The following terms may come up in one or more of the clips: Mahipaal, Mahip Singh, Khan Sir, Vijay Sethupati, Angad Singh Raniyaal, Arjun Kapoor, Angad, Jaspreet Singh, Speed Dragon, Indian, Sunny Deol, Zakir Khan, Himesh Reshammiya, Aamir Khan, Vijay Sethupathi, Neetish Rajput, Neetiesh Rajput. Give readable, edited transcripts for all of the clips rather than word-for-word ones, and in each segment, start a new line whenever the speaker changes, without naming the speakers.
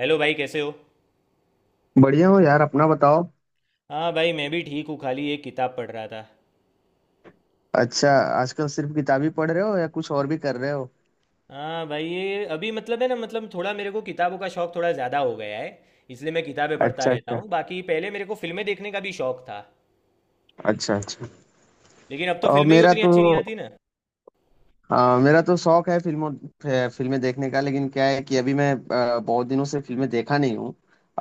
Hello भाई, कैसे हो?
बढ़िया हो यार, अपना बताओ।
हाँ भाई, मैं भी ठीक हूँ, खाली एक किताब पढ़ रहा था।
अच्छा, आजकल सिर्फ किताबी पढ़ रहे हो या कुछ और भी कर रहे हो?
हाँ भाई, ये अभी मतलब है ना, मतलब थोड़ा मेरे को किताबों का शौक थोड़ा ज़्यादा हो गया है, इसलिए मैं किताबें पढ़ता
अच्छा
रहता
अच्छा।
हूँ। बाकी पहले मेरे को फिल्में देखने का भी शौक था,
अच्छा अच्छा।
लेकिन अब तो
और
फिल्में ही
मेरा
उतनी
तो।
अच्छी नहीं आती ना।
हाँ, मेरा तो शौक है फिल्मों फिल्में देखने का, लेकिन क्या है कि अभी मैं बहुत दिनों से फिल्में देखा नहीं हूँ।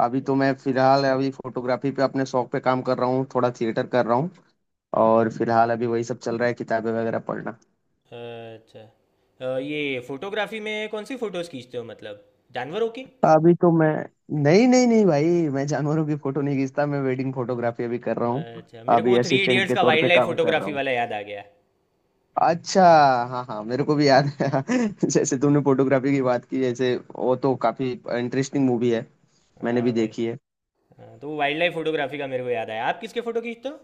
अभी तो मैं फिलहाल अभी फोटोग्राफी पे, अपने शौक पे काम कर रहा हूँ, थोड़ा थिएटर कर रहा हूँ। और फिलहाल अभी वही सब चल रहा है, किताबें वगैरह पढ़ना।
अच्छा, ये फोटोग्राफी में कौन सी फ़ोटोज़ खींचते हो, मतलब जानवरों की?
अभी तो मैं, नहीं नहीं नहीं भाई, मैं जानवरों की फोटो नहीं खींचता, मैं वेडिंग फोटोग्राफी अभी कर रहा हूँ।
अच्छा, मेरे को
अभी
थ्री
असिस्टेंट
इडियट्स
के
का
तौर
वाइल्ड
पे
लाइफ
काम कर रहा
फोटोग्राफी
हूँ।
वाला याद आ गया।
अच्छा। हाँ हाँ मेरे को भी याद है जैसे तुमने फोटोग्राफी की बात की, जैसे वो तो काफी इंटरेस्टिंग मूवी है, मैंने भी
हाँ भाई।
देखी है।
हाँ तो वाइल्ड लाइफ फोटोग्राफी का मेरे को याद आया, आप किसके फ़ोटो खींचते हो?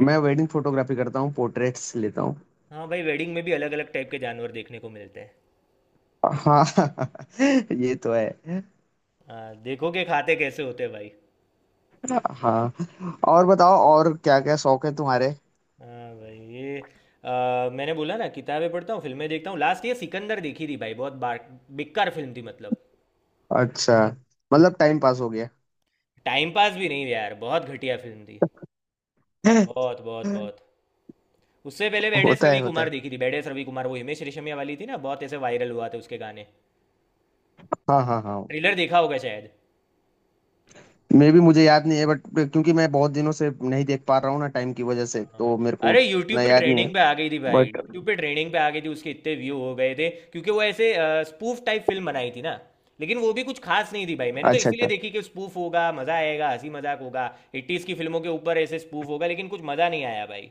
मैं वेडिंग फोटोग्राफी करता हूँ, पोर्ट्रेट्स लेता हूँ।
हाँ भाई, वेडिंग में भी अलग अलग टाइप के जानवर देखने को मिलते हैं।
हाँ ये तो है।
हाँ, देखो के खाते कैसे होते भाई।
हाँ, और बताओ, और क्या क्या शौक है तुम्हारे?
हाँ भाई, ये मैंने बोला ना, किताबें पढ़ता हूँ, फिल्में देखता हूँ। लास्ट ये सिकंदर देखी थी भाई, बहुत बार बेकार फिल्म थी मतलब।
अच्छा। मतलब टाइम पास हो गया।
टाइम पास भी नहीं यार, बहुत घटिया फिल्म थी। बहुत बहुत बहुत। उससे पहले बेडेस
होता
रवि
है होता
कुमार
है।
देखी थी। बेडेस रवि कुमार वो हिमेश रेशमिया वाली थी ना, बहुत ऐसे वायरल हुआ था उसके गाने।
हाँ हाँ हाँ।
ट्रेलर देखा होगा शायद।
मैं भी, मुझे याद नहीं है बट, क्योंकि मैं बहुत दिनों से नहीं देख पा रहा हूँ ना, टाइम की वजह से,
हाँ भाई,
तो मेरे को
अरे यूट्यूब
उतना
पे
याद नहीं है।
ट्रेंडिंग पे आ गई थी भाई,
बट
यूट्यूब पे ट्रेंडिंग पे आ गई थी, उसके इतने व्यू हो गए थे क्योंकि वो ऐसे स्पूफ टाइप फिल्म बनाई थी ना। लेकिन वो भी कुछ खास नहीं थी भाई, मैंने तो
अच्छा अच्छा।
इसीलिए देखी कि स्पूफ होगा, मजा आएगा, हंसी मजाक होगा, 80s की फिल्मों के ऊपर ऐसे स्पूफ होगा, लेकिन कुछ मजा नहीं आया भाई।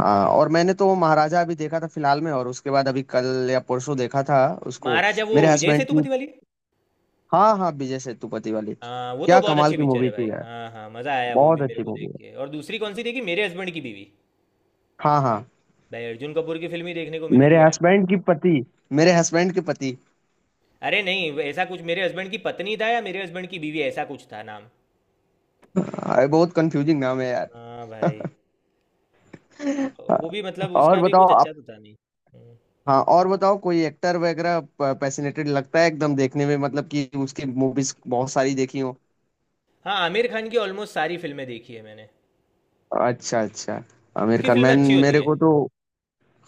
हाँ, और मैंने तो महाराजा अभी देखा था फिलहाल में, और उसके बाद अभी कल या परसों देखा था उसको,
महाराजा वो
मेरे
विजय
हस्बैंड की।
सेतुपति वाली?
हाँ हाँ, विजय सेतुपति वाली,
हाँ, वो तो
क्या
बहुत
कमाल
अच्छी
की
पिक्चर है
मूवी
भाई।
थी यार।
हाँ हाँ, मजा आया वो भी
बहुत
मेरे
अच्छी
को
मूवी
देख
है।
के। और दूसरी कौन सी देखी, मेरे हस्बैंड की बीवी?
हाँ हाँ।
भाई अर्जुन कपूर की फिल्म ही देखने को मिली
मेरे
थी यार।
हस्बैंड की पति, मेरे हस्बैंड के पति।
अरे नहीं, ऐसा कुछ मेरे हस्बैंड की पत्नी था या मेरे हस्बैंड की बीवी, ऐसा कुछ था नाम।
अरे बहुत कंफ्यूजिंग नाम है यार।
हाँ भाई। वो
हाँ,
वो भी मतलब
और
उसका भी
बताओ
कुछ
आप।
अच्छा तो था नहीं। हम्म।
हाँ और बताओ, कोई एक्टर वगैरह पैसिनेटेड लगता है एकदम देखने में, मतलब कि उसकी मूवीज बहुत सारी देखी हो।
हाँ, आमिर खान की ऑलमोस्ट सारी फिल्में देखी है मैंने।
अच्छा अच्छा। आमिर
उसकी
खान
फिल्में
मैन।
अच्छी होती
मेरे
है।
को तो।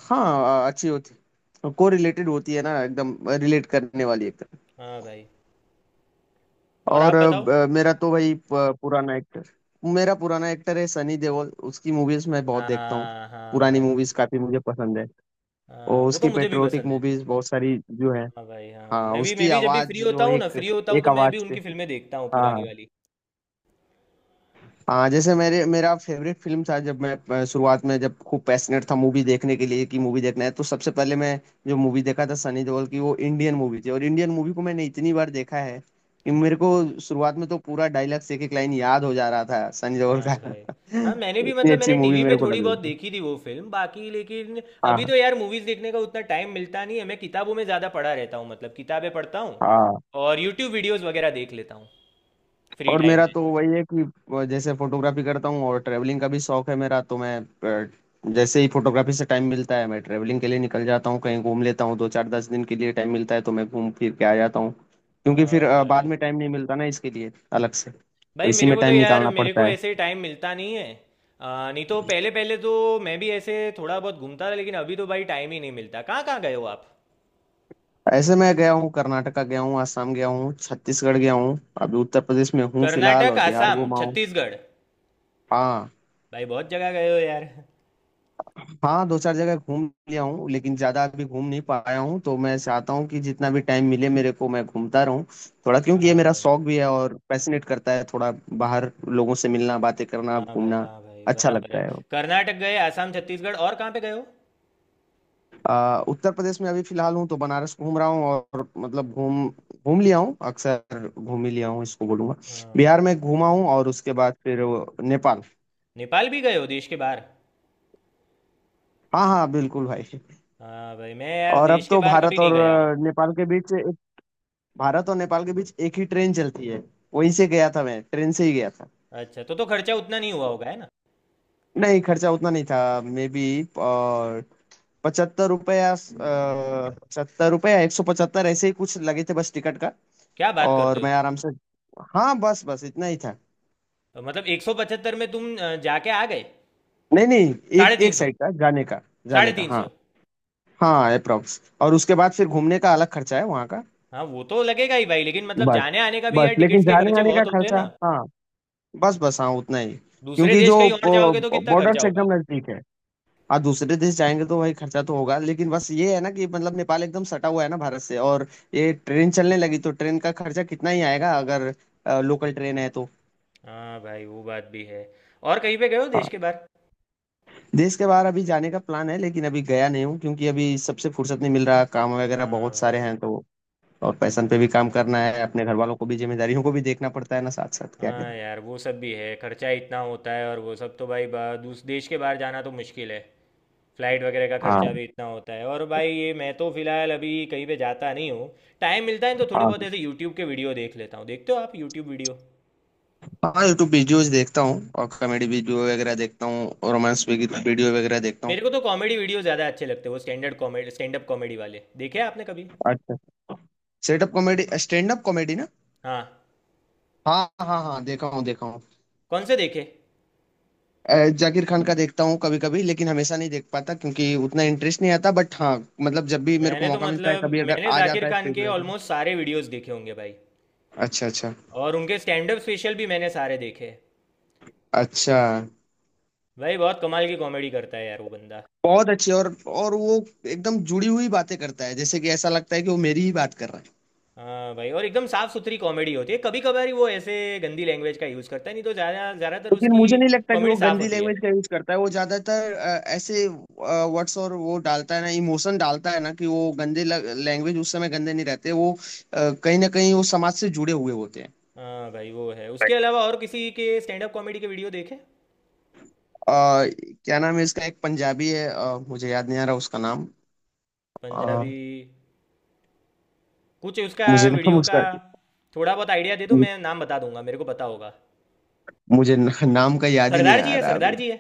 हाँ, अच्छी होती, को रिलेटेड होती है ना, एकदम रिलेट करने वाली, एकदम।
हाँ भाई, और
और
आप बताओ।
मेरा तो भाई पुराना एक्टर, मेरा पुराना एक्टर है सनी देओल, उसकी मूवीज मैं बहुत देखता हूँ।
हाँ हाँ
पुरानी
भाई।
मूवीज काफी मुझे पसंद है।
हाँ,
और
वो तो
उसकी
मुझे भी
पेट्रियोटिक
पसंद है।
मूवीज बहुत सारी जो है।
हाँ भाई, हाँ
हाँ,
मैं भी मैं
उसकी
भी जब भी फ्री
आवाज
होता
जो
हूँ ना,
एक,
फ्री होता हूँ
एक
तो मैं
आवाज
भी
से।
उनकी फिल्में देखता हूँ,
हाँ
पुरानी
हाँ
वाली।
हाँ। जैसे मेरे मेरा फेवरेट फिल्म था, जब मैं शुरुआत में, जब खूब पैशनेट था मूवी देखने के लिए कि मूवी देखना है, तो सबसे पहले मैं जो मूवी देखा था सनी देओल की, वो इंडियन मूवी थी, और इंडियन मूवी को मैंने इतनी बार देखा है कि मेरे को शुरुआत में तो पूरा डायलॉग्स एक एक लाइन याद हो जा रहा था सनी देओल का
हाँ भाई। हाँ, मैंने भी
इतनी
मतलब
अच्छी
मैंने
मूवी
टीवी पे
मेरे को
थोड़ी
लग रही
बहुत
थी।
देखी थी वो फिल्म बाकी, लेकिन अभी
हाँ
तो यार मूवीज़ देखने का उतना टाइम मिलता नहीं है। मैं किताबों में ज़्यादा पढ़ा रहता हूँ, मतलब किताबें पढ़ता हूँ
हाँ।
और यूट्यूब वीडियोस वगैरह देख लेता हूँ फ्री
और
टाइम
मेरा
में।
तो वही है कि जैसे फोटोग्राफी करता हूँ और ट्रैवलिंग का भी शौक है मेरा, तो मैं अ, जैसे ही फोटोग्राफी से टाइम मिलता है, मैं ट्रैवलिंग के लिए निकल जाता हूँ, कहीं घूम लेता हूँ। दो चार दस दिन के लिए टाइम मिलता है तो मैं घूम फिर के आ जाता हूँ। क्योंकि फिर
हाँ
बाद
भाई।
में टाइम नहीं मिलता ना इसके लिए
हम्म।
अलग से, तो
भाई
इसी
मेरे
में
को तो
टाइम
यार,
निकालना
मेरे को
पड़ता है।
ऐसे टाइम मिलता नहीं है। नहीं तो पहले पहले तो मैं भी ऐसे थोड़ा बहुत घूमता था, लेकिन अभी तो भाई टाइम ही नहीं मिलता। कहाँ कहाँ गए हो आप?
ऐसे मैं गया हूँ, कर्नाटका गया हूँ, आसाम गया हूँ, छत्तीसगढ़ गया हूँ, अभी उत्तर प्रदेश में हूँ फिलहाल,
कर्नाटक,
और बिहार
आसाम,
घूमा हूँ।
छत्तीसगढ़,
हाँ।
भाई बहुत जगह गए हो यार।
हाँ, दो चार जगह घूम लिया हूँ, लेकिन ज्यादा अभी घूम नहीं पाया हूँ, तो मैं चाहता हूँ कि जितना भी टाइम मिले मेरे को, मैं घूमता रहूँ थोड़ा, क्योंकि ये
हाँ
मेरा
भाई,
शौक भी है और पैशनेट करता है थोड़ा। बाहर लोगों से मिलना, बातें करना,
हाँ भाई,
घूमना
हाँ भाई,
अच्छा
बराबर
लगता
है।
है।
कर्नाटक गए, आसाम, छत्तीसगढ़ और कहाँ पे गए हो?
उत्तर प्रदेश में अभी फिलहाल हूँ, तो बनारस घूम रहा हूँ, और मतलब घूम घूम लिया हूँ, अक्सर घूम ही लिया हूँ इसको बोलूंगा।
हाँ।
बिहार में घूमा हूँ, और उसके बाद फिर वो नेपाल।
नेपाल भी गए हो, देश के बाहर?
हाँ हाँ बिल्कुल भाई।
हाँ भाई, मैं यार
और अब
देश के
तो
बाहर कभी
भारत
नहीं
और
गया हूँ।
नेपाल के बीच एक, भारत और नेपाल के बीच एक ही ट्रेन चलती है, वहीं से गया था मैं, ट्रेन से ही गया था।
अच्छा, तो खर्चा उतना नहीं हुआ होगा है ना?
नहीं, खर्चा उतना नहीं था। मे बी 75 रुपया, पचहत्तर रुपया, 175 ऐसे ही कुछ लगे थे बस टिकट का।
क्या बात
और
करते हो!
मैं आराम से। हाँ, बस बस इतना ही था।
तो मतलब 175 में तुम जाके आ गए?
नहीं नहीं, एक
साढ़े तीन
एक
सौ।
साइड का जाने का,
साढ़े
जाने का
तीन
हाँ।
सौ।
हाँ अप्रोक्स, और उसके बाद फिर घूमने का अलग खर्चा है वहाँ का।
हाँ, वो तो लगेगा ही भाई, लेकिन मतलब
बस,
जाने आने का भी यार
बस लेकिन
टिकट्स के
जाने
खर्चे
आने का
बहुत होते हैं
खर्चा
ना।
हाँ। बस बस हाँ उतना ही।
दूसरे
क्योंकि
देश
जो
कहीं और जाओगे तो कितना
बॉर्डर
खर्चा
से
होगा।
एकदम नजदीक है। हाँ दूसरे देश जाएंगे तो भाई खर्चा तो होगा, लेकिन बस ये है ना कि मतलब नेपाल एकदम सटा हुआ है ना भारत से, और ये ट्रेन चलने लगी, तो ट्रेन का खर्चा कितना ही आएगा, अगर लोकल ट्रेन है तो।
हाँ भाई, वो बात भी है। और कहीं पे गए हो देश
हाँ,
के बाहर?
देश के बाहर अभी जाने का प्लान है, लेकिन अभी गया नहीं हूँ, क्योंकि अभी सबसे फुर्सत नहीं मिल रहा, काम वगैरह
हाँ
बहुत सारे
भाई,
हैं तो। और पैशन पे भी काम
हाँ
करना
भाई,
है, अपने घर वालों को भी, जिम्मेदारियों को भी देखना पड़ता है ना साथ साथ, क्या करें।
हाँ यार, वो सब भी है, खर्चा इतना होता है। और वो सब तो भाई दूस देश के बाहर जाना तो मुश्किल है, फ्लाइट वगैरह का
हाँ।
खर्चा भी इतना होता है। और भाई ये मैं तो फिलहाल अभी कहीं पे जाता नहीं हूँ। टाइम मिलता है तो थोड़े
हाँ
बहुत ऐसे यूट्यूब के वीडियो देख लेता हूँ। देखते हो आप यूट्यूब वीडियो?
हाँ, यूट्यूब वीडियोज देखता हूँ, और कॉमेडी वीडियो वगैरह देखता हूँ, रोमांस वीडियो वगैरह देखता हूँ।
मेरे को तो कॉमेडी वीडियो ज़्यादा अच्छे लगते हैं। वो standard comedy, stand up comedy वाले देखे आपने कभी?
अच्छा। Setup comedy, stand up comedy.
हाँ।
हाँ हाँ हाँ देखा हूँ देखा हूँ।
कौन से देखे?
जाकिर खान का देखता हूँ कभी कभी, लेकिन हमेशा नहीं देख पाता क्योंकि उतना इंटरेस्ट नहीं आता, बट हाँ मतलब जब भी मेरे को
मैंने तो
मौका मिलता है,
मतलब
कभी अगर
मैंने
आ
जाकिर
जाता है
खान
स्पीड
के
ड्रैगन।
ऑलमोस्ट सारे वीडियोस देखे होंगे भाई।
अच्छा अच्छा।
और उनके स्टैंड अप स्पेशल भी मैंने सारे देखे हैं।
अच्छा।
भाई बहुत कमाल की कॉमेडी करता है यार वो बंदा।
बहुत अच्छी। और वो एकदम जुड़ी हुई बातें करता है, जैसे कि ऐसा लगता है कि वो मेरी ही बात कर रहा है।
हाँ भाई, और एकदम साफ सुथरी कॉमेडी होती है, कभी कभार ही वो ऐसे गंदी लैंग्वेज का यूज़ करता है, नहीं तो ज़्यादा, ज़्यादातर
लेकिन
उसकी
मुझे नहीं लगता कि
कॉमेडी
वो
साफ
गंदी
होती है।
लैंग्वेज का यूज करता है, वो ज्यादातर ऐसे वर्ड्स और वो डालता है ना, इमोशन डालता है ना, कि वो गंदे लैंग्वेज उस समय गंदे नहीं रहते, वो कहीं ना कहीं वो समाज से जुड़े हुए होते
हाँ भाई, वो है।
हैं।
उसके अलावा और किसी के स्टैंड अप कॉमेडी के वीडियो देखे?
आ, क्या नाम है इसका, एक पंजाबी है, मुझे याद नहीं आ रहा उसका नाम, अ,
पंजाबी? कुछ उसका
मुझे नाम
वीडियो का
उसका,
थोड़ा बहुत आइडिया दे दो, मैं नाम बता दूंगा, मेरे को पता होगा।
मुझे नाम का याद ही नहीं
सरदार जी
आ
है,
रहा
सरदार
अभी।
जी है।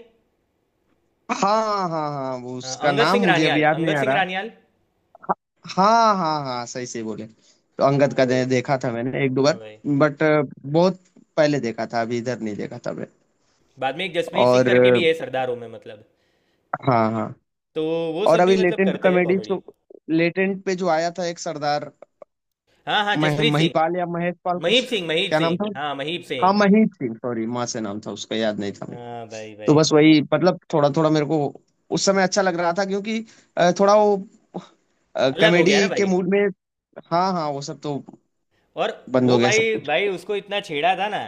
हाँ हाँ हाँ, वो
हाँ,
उसका
अंगद
नाम
सिंह
मुझे अभी
रानियाल,
याद नहीं
अंगद
आ
सिंह
रहा।
रानियाल।
हाँ हाँ हाँ, सही सही बोले तो अंगद का
ओ।
देखा था मैंने एक दो
हाँ
बार।
भाई।
बट बहुत पहले देखा था, अभी इधर नहीं देखा था मैं।
बाद में एक जसप्रीत सिंह
और
करके भी है, सरदारों में मतलब।
हाँ हाँ।
तो वो
और
सब भी
अभी
मतलब
लेटेंट
करते हैं
कॉमेडी
कॉमेडी।
तो, लेटेंट पे जो आया था एक सरदार,
हाँ हाँ, जसप्रीत सिंह।
महिपाल या महेश पाल
महीप
कुछ,
सिंह, महीप
क्या नाम
सिंह,
था।
हाँ महीप
हाँ
सिंह।
मही थी, सॉरी माँ से नाम था उसका, याद नहीं था मेरे को।
हाँ भाई
तो
भाई।
बस वही, मतलब थोड़ा थोड़ा मेरे को उस समय अच्छा लग रहा था, क्योंकि थोड़ा वो
अलग हो गया ना
कॉमेडी के
भाई।
मूड में। हाँ हाँ, वो सब तो
और
बंद हो
वो
गया सब
भाई
कुछ।
भाई, उसको इतना छेड़ा था ना,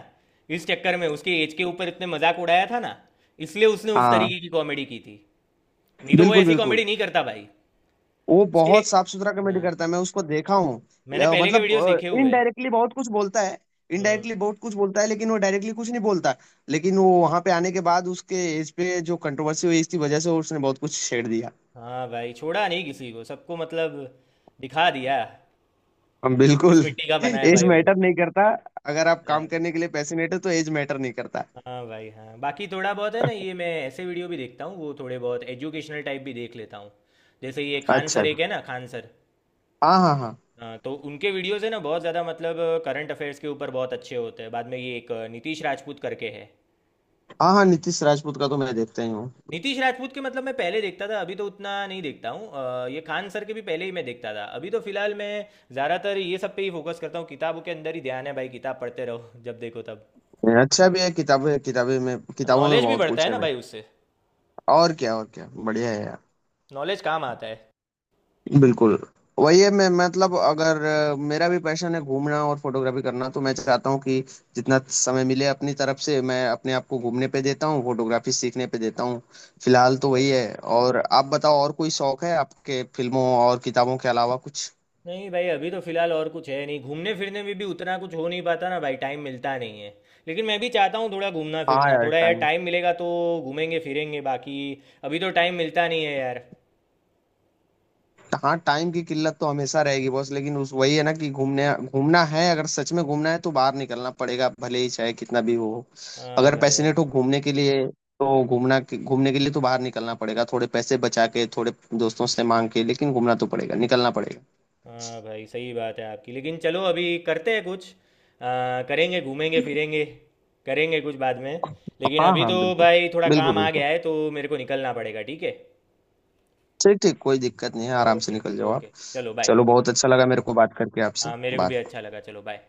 इस चक्कर में उसके एज के ऊपर इतने मजाक उड़ाया था ना, इसलिए उसने उस
हाँ
तरीके की कॉमेडी की थी। नहीं तो वो
बिल्कुल
ऐसी
बिल्कुल,
कॉमेडी नहीं करता भाई।
वो
उसके,
बहुत साफ सुथरा कॉमेडी
हाँ,
करता है, मैं उसको देखा हूँ।
मैंने पहले के
मतलब
वीडियोस देखे हुए हैं।
इनडायरेक्टली बहुत कुछ बोलता है,
हम्म।
इनडायरेक्टली बहुत कुछ बोलता है, लेकिन वो डायरेक्टली कुछ नहीं बोलता। लेकिन वो वहां पे आने के बाद उसके एज पे जो कंट्रोवर्सी हुई, इसकी वजह से उसने बहुत कुछ छेड़ दिया।
हाँ भाई, छोड़ा नहीं किसी को, सबको मतलब दिखा दिया।
हम
इस
बिल्कुल।
मिट्टी का बना है
एज
भाई वो।
मैटर नहीं करता, अगर आप काम
हाँ।
करने के लिए पैशनेट हो तो एज मैटर नहीं करता।
हाँ भाई, हाँ। बाकी थोड़ा बहुत है ना, ये मैं ऐसे वीडियो भी देखता हूँ, वो थोड़े बहुत एजुकेशनल टाइप भी देख लेता हूँ। जैसे ये खान
अच्छा।
सर एक है ना, खान सर।
हाँ हाँ हाँ।
हाँ, तो उनके वीडियोस है ना बहुत ज़्यादा मतलब, करंट अफेयर्स के ऊपर बहुत अच्छे होते हैं। बाद में ये एक नीतीश राजपूत करके है।
हाँ हाँ, नीतीश राजपूत का तो मैं देखता ही हूँ।
नीतीश राजपूत के मतलब मैं पहले देखता था, अभी तो उतना नहीं देखता हूँ। ये खान सर के भी पहले ही मैं देखता था, अभी तो फिलहाल मैं ज़्यादातर ये सब पे ही फोकस करता हूँ। किताबों के अंदर ही ध्यान है भाई, किताब पढ़ते रहो जब देखो तब।
अच्छा भी है किताबें, किताबें में किताबों में
नॉलेज भी
बहुत
बढ़ता
कुछ
है
है
ना
भाई।
भाई उससे,
और क्या, और क्या बढ़िया है यार।
नॉलेज काम आता
बिल्कुल। वही है, मैं मतलब अगर मेरा भी पैशन है घूमना और फोटोग्राफी करना, तो मैं चाहता हूँ कि जितना समय मिले अपनी तरफ से, मैं अपने आप को घूमने पे देता हूँ, फोटोग्राफी सीखने पे देता हूँ। फिलहाल तो वही
है।
है। और आप बताओ, और कोई शौक है आपके फिल्मों और किताबों के अलावा कुछ?
नहीं भाई, अभी तो फिलहाल और कुछ है नहीं। घूमने फिरने में भी उतना कुछ हो नहीं पाता ना भाई, टाइम मिलता नहीं है। लेकिन मैं भी चाहता हूँ थोड़ा घूमना
हाँ
फिरना,
यार,
थोड़ा यार
टाइम।
टाइम मिलेगा तो घूमेंगे फिरेंगे। बाकी अभी तो टाइम मिलता नहीं है यार।
हाँ टाइम की किल्लत तो हमेशा रहेगी बॉस, लेकिन उस वही है ना कि घूमने घूमना है, अगर सच में घूमना है तो बाहर निकलना पड़ेगा भले ही चाहे कितना भी हो,
हाँ
अगर
भाई यार,
पैशनेट हो घूमने के लिए। तो घूमना घूमने के लिए तो बाहर निकलना पड़ेगा, थोड़े पैसे बचा के, थोड़े दोस्तों से मांग के, लेकिन घूमना तो पड़ेगा, निकलना पड़ेगा।
हाँ भाई, सही बात है आपकी। लेकिन चलो अभी करते हैं कुछ, करेंगे घूमेंगे फिरेंगे, करेंगे कुछ बाद में। लेकिन
हाँ
अभी
हाँ
तो
बिल्कुल।
भाई थोड़ा
बिल्कुल
काम आ
बिल्कुल
गया है तो मेरे को निकलना पड़ेगा, ठीक है?
ठीक ठीक, कोई दिक्कत नहीं है, आराम से
ओके।
निकल जाओ आप।
ओके चलो, बाय।
चलो, बहुत अच्छा लगा मेरे को बात करके आपसे।
हाँ, मेरे को
बाय।
भी अच्छा लगा, चलो बाय।